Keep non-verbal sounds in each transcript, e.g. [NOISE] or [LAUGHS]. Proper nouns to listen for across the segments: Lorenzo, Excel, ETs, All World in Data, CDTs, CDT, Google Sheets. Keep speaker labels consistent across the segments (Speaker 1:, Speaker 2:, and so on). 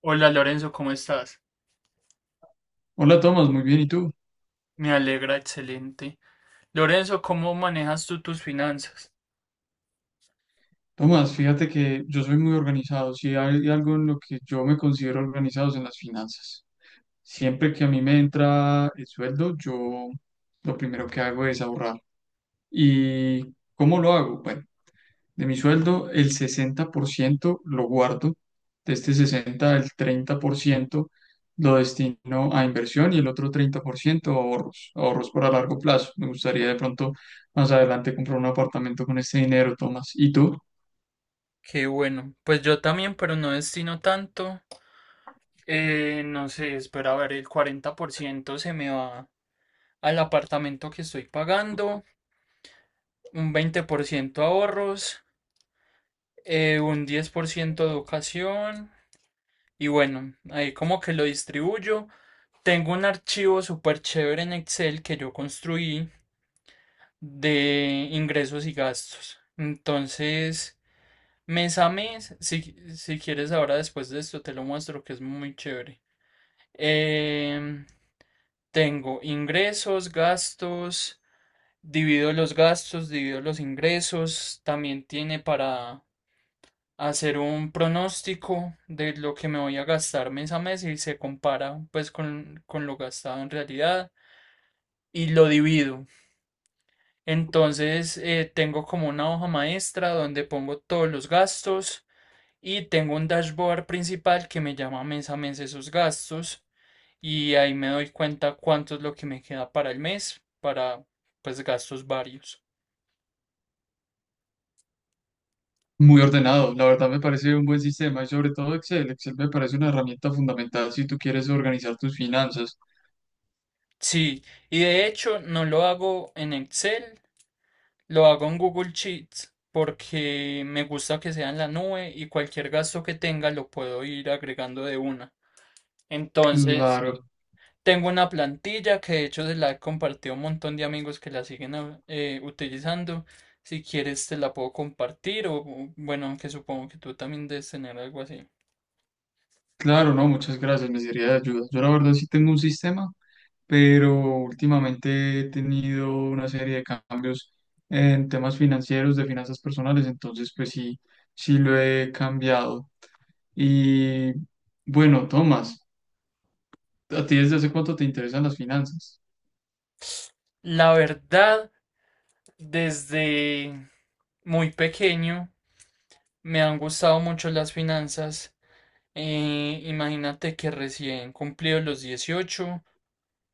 Speaker 1: Hola Lorenzo, ¿cómo estás?
Speaker 2: Hola Tomás, muy bien, ¿y tú?
Speaker 1: Me alegra, excelente. Lorenzo, ¿cómo manejas tú tus finanzas?
Speaker 2: Tomás, fíjate que yo soy muy organizado, si hay algo en lo que yo me considero organizado es en las finanzas. Siempre que a mí me entra el sueldo, yo lo primero que hago es ahorrar. ¿Y cómo lo hago? Bueno, de mi sueldo, el 60% lo guardo. De este 60 el 30% lo destino a inversión y el otro 30% a ahorros, ahorros para largo plazo. Me gustaría de pronto más adelante comprar un apartamento con este dinero, Tomás. ¿Y tú?
Speaker 1: Qué bueno. Pues yo también, pero no destino tanto. No sé, espera a ver, el 40% se me va al apartamento que estoy pagando, un 20% ahorros, un 10% educación y bueno, ahí como que lo distribuyo. Tengo un archivo súper chévere en Excel que yo construí de ingresos y gastos. Entonces, mes a mes, si quieres ahora después de esto te lo muestro que es muy chévere. Em, tengo ingresos, gastos, divido los ingresos, también tiene para hacer un pronóstico de lo que me voy a gastar mes a mes y se compara pues con lo gastado en realidad y lo divido. Entonces, tengo como una hoja maestra donde pongo todos los gastos y tengo un dashboard principal que me llama mes a mes esos gastos y ahí me doy cuenta cuánto es lo que me queda para el mes, para pues gastos varios.
Speaker 2: Muy ordenado. La verdad me parece un buen sistema y sobre todo Excel. Excel me parece una herramienta fundamental si tú quieres organizar tus finanzas.
Speaker 1: Sí, y de hecho no lo hago en Excel, lo hago en Google Sheets porque me gusta que sea en la nube y cualquier gasto que tenga lo puedo ir agregando de una. Entonces,
Speaker 2: Claro,
Speaker 1: tengo una plantilla que de hecho se la he compartido a un montón de amigos que la siguen utilizando. Si quieres te la puedo compartir o, bueno, aunque supongo que tú también debes tener algo así.
Speaker 2: claro, no, muchas gracias. Me sería de ayuda. Yo la verdad sí tengo un sistema pero últimamente he tenido una serie de cambios en temas financieros, de finanzas personales, entonces pues sí, sí lo he cambiado. Y bueno, Tomás, ¿a ti desde hace cuánto te interesan las finanzas?
Speaker 1: La verdad, desde muy pequeño me han gustado mucho las finanzas. Imagínate que recién cumplido los 18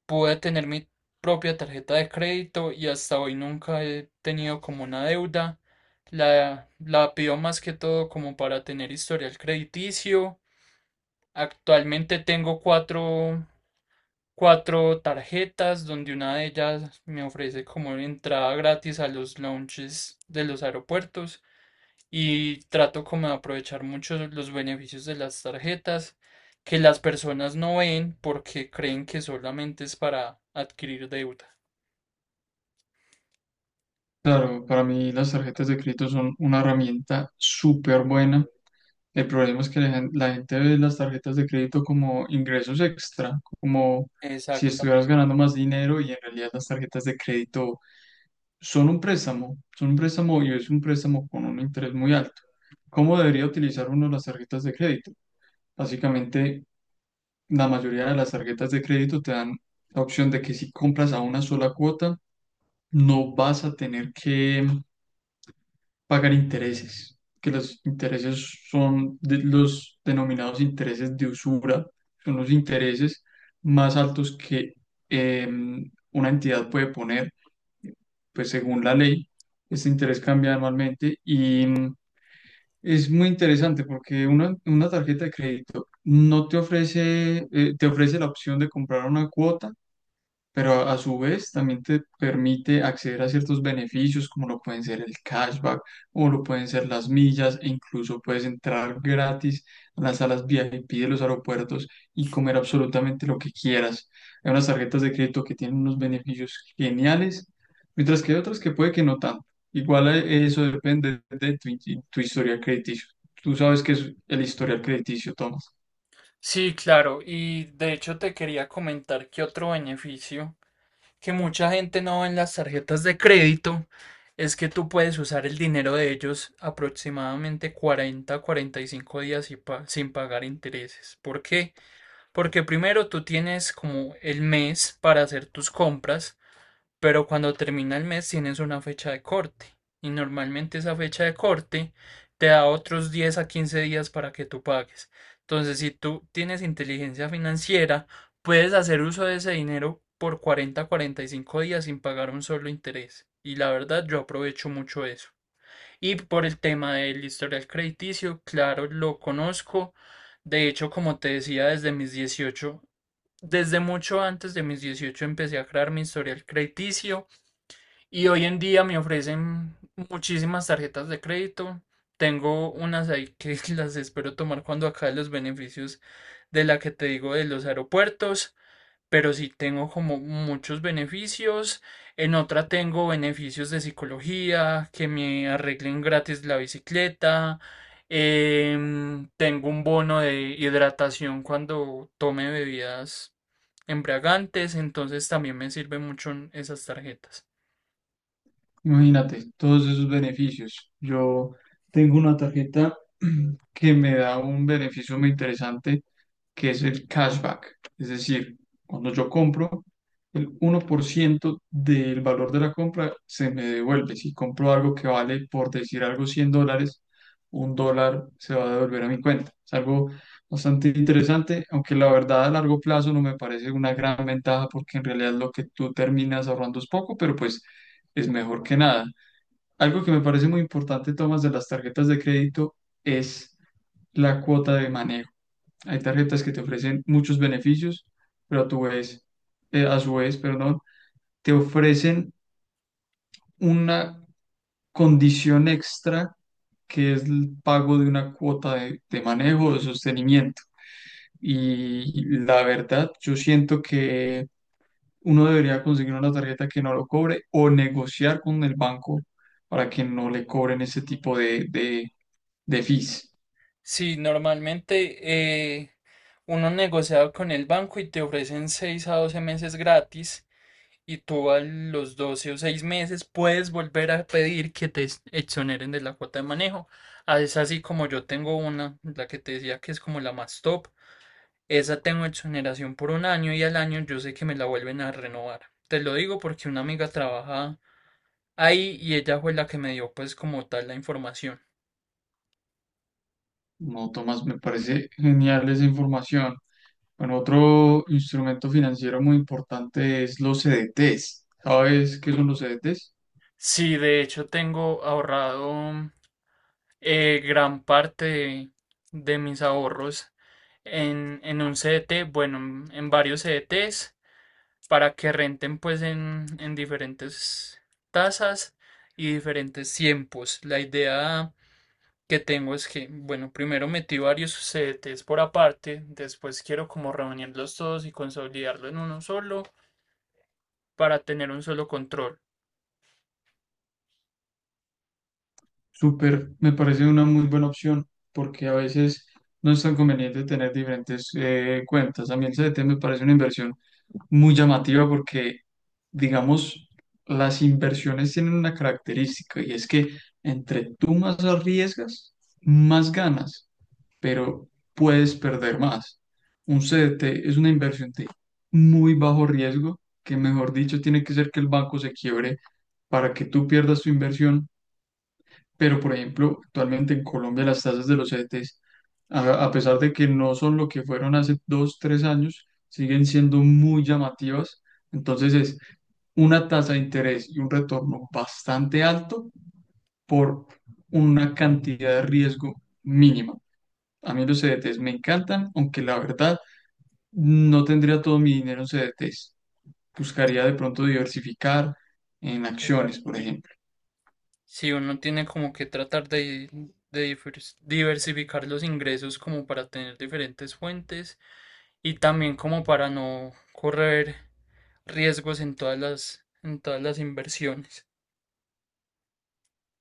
Speaker 1: pude tener mi propia tarjeta de crédito y hasta hoy nunca he tenido como una deuda. La pido más que todo como para tener historial crediticio. Actualmente tengo cuatro tarjetas donde una de ellas me ofrece como entrada gratis a los lounges de los aeropuertos y trato como de aprovechar mucho los beneficios de las tarjetas que las personas no ven porque creen que solamente es para adquirir deuda.
Speaker 2: Claro, para mí las tarjetas de crédito son una herramienta súper buena. El problema es que la gente ve las tarjetas de crédito como ingresos extra, como si estuvieras
Speaker 1: Exactamente.
Speaker 2: ganando más dinero y en realidad las tarjetas de crédito son un préstamo y es un préstamo con un interés muy alto. ¿Cómo debería utilizar uno las tarjetas de crédito? Básicamente, la mayoría de las tarjetas de crédito te dan la opción de que si compras a una sola cuota, no vas a tener que pagar intereses, que los intereses los denominados intereses de usura, son los intereses más altos que una entidad puede poner pues según la ley. Este interés cambia anualmente y es muy interesante porque una tarjeta de crédito no te ofrece, te ofrece la opción de comprar una cuota pero a su vez también te permite acceder a ciertos beneficios como lo pueden ser el cashback o lo pueden ser las millas e incluso puedes entrar gratis a las salas VIP de los aeropuertos y comer absolutamente lo que quieras. Hay unas tarjetas de crédito que tienen unos beneficios geniales, mientras que hay otras que puede que no tanto. Igual eso depende de tu historial crediticio. Tú sabes que es el historial crediticio, Tom.
Speaker 1: Sí, claro. Y de hecho te quería comentar que otro beneficio que mucha gente no ve en las tarjetas de crédito es que tú puedes usar el dinero de ellos aproximadamente 40 a 45 días y sin pagar intereses. ¿Por qué? Porque primero tú tienes como el mes para hacer tus compras. Pero cuando termina el mes tienes una fecha de corte y normalmente esa fecha de corte te da otros 10 a 15 días para que tú pagues. Entonces, si tú tienes inteligencia financiera, puedes hacer uso de ese dinero por 40 a 45 días sin pagar un solo interés. Y la verdad, yo aprovecho mucho eso. Y por el tema del historial crediticio, claro, lo conozco. De hecho, como te decía, desde mis 18, desde mucho antes de mis 18 empecé a crear mi historial crediticio. Y hoy en día me ofrecen muchísimas tarjetas de crédito. Tengo unas ahí que [LAUGHS] las espero tomar cuando acabe los beneficios de la que te digo de los aeropuertos, pero sí tengo como muchos beneficios. En otra tengo beneficios de psicología, que me arreglen gratis la bicicleta. Tengo un bono de hidratación cuando tome bebidas embriagantes, entonces también me sirven mucho esas tarjetas.
Speaker 2: Imagínate, todos esos beneficios. Yo tengo una tarjeta [CLEARS THROAT] que me da un beneficio muy interesante, que es el cashback. Es decir, cuando yo compro, el 1% del valor de la compra se me devuelve. Si compro algo que vale, por decir algo, $100, un dólar se va a devolver a mi cuenta. Es algo bastante interesante, aunque la verdad a largo plazo no me parece una gran ventaja porque en realidad lo que tú terminas ahorrando es poco, pero pues es mejor que nada. Algo que me parece muy importante, Tomás, de las tarjetas de crédito es la cuota de manejo. Hay tarjetas que te ofrecen muchos beneficios, pero a tu vez, a su vez, perdón, te ofrecen una condición extra que es el pago de una cuota de manejo o de sostenimiento. Y la verdad, yo siento que uno debería conseguir una tarjeta que no lo cobre o negociar con el banco para que no le cobren ese tipo de fees.
Speaker 1: Sí, normalmente eh, uno negocia con el banco y te ofrecen 6 a 12 meses gratis y tú a los 12 o 6 meses puedes volver a pedir que te exoneren de la cuota de manejo. Ah, es así como yo tengo una, la que te decía que es como la más top. Esa tengo exoneración por un año y al año yo sé que me la vuelven a renovar. Te lo digo porque una amiga trabaja ahí y ella fue la que me dio pues como tal la información.
Speaker 2: No, Tomás, me parece genial esa información. Bueno, otro instrumento financiero muy importante es los CDTs. ¿Sabes qué son los CDTs?
Speaker 1: Sí, de hecho tengo ahorrado. Gran parte de mis ahorros en un CDT, bueno, en varios CDTs, para que renten pues en diferentes tasas y diferentes tiempos. La idea que tengo es que, bueno, primero metí varios CDTs por aparte, después quiero como reunirlos todos y consolidarlo en uno solo para tener un solo control.
Speaker 2: Súper, me parece una muy buena opción porque a veces no es tan conveniente tener diferentes cuentas. A mí el CDT me parece una inversión muy llamativa porque, digamos, las inversiones tienen una característica y es que entre tú más arriesgas, más ganas, pero puedes perder más. Un CDT es una inversión de muy bajo riesgo que, mejor dicho, tiene que ser que el banco se quiebre para que tú pierdas tu inversión pero, por ejemplo, actualmente en Colombia las tasas de los ETs, a pesar de que no son lo que fueron hace dos, tres años, siguen siendo muy llamativas. Entonces es una tasa de interés y un retorno bastante alto por una cantidad de riesgo mínima. A mí los CDTs me encantan, aunque la verdad no tendría todo mi dinero en CDTs. Buscaría de pronto diversificar en acciones, por
Speaker 1: Exacto.
Speaker 2: ejemplo.
Speaker 1: Si uno tiene como que tratar de diversificar los ingresos como para tener diferentes fuentes y también como para no correr riesgos en todas en todas las inversiones.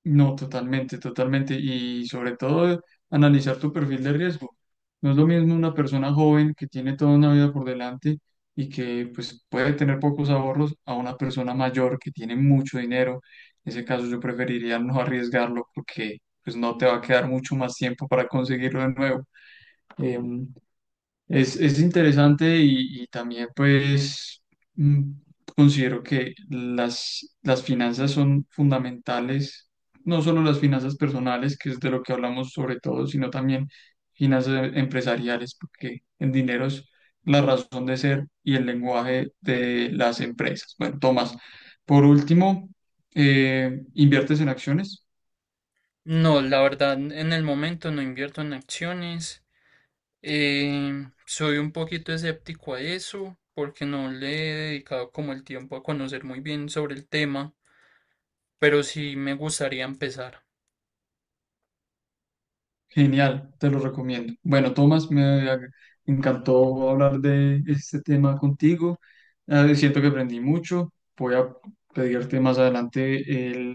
Speaker 2: No, totalmente, totalmente. Y sobre todo, analizar tu perfil de riesgo. No es lo mismo una persona joven que tiene toda una vida por delante y que pues, puede tener pocos ahorros a una persona mayor que tiene mucho dinero. En ese caso, yo preferiría no arriesgarlo porque pues, no te va a quedar mucho más tiempo para conseguirlo de nuevo. Em, es interesante y también pues mm, considero que las finanzas son fundamentales, no solo las finanzas personales, que es de lo que hablamos sobre todo, sino también finanzas empresariales, porque el dinero es la razón de ser y el lenguaje de las empresas. Bueno, Tomás, por último, ¿inviertes en acciones?
Speaker 1: No, la verdad, en el momento no invierto en acciones. Soy un poquito escéptico a eso porque no le he dedicado como el tiempo a conocer muy bien sobre el tema, pero sí me gustaría empezar.
Speaker 2: Genial, te lo recomiendo. Bueno, Tomás, ag- encantó hablar de este tema contigo. Siento que aprendí mucho. Voy a pedirte más adelante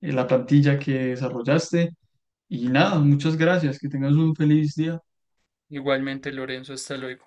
Speaker 2: la plantilla que desarrollaste. Y nada, muchas gracias. Que tengas un feliz día.
Speaker 1: Igualmente, Lorenzo, hasta luego.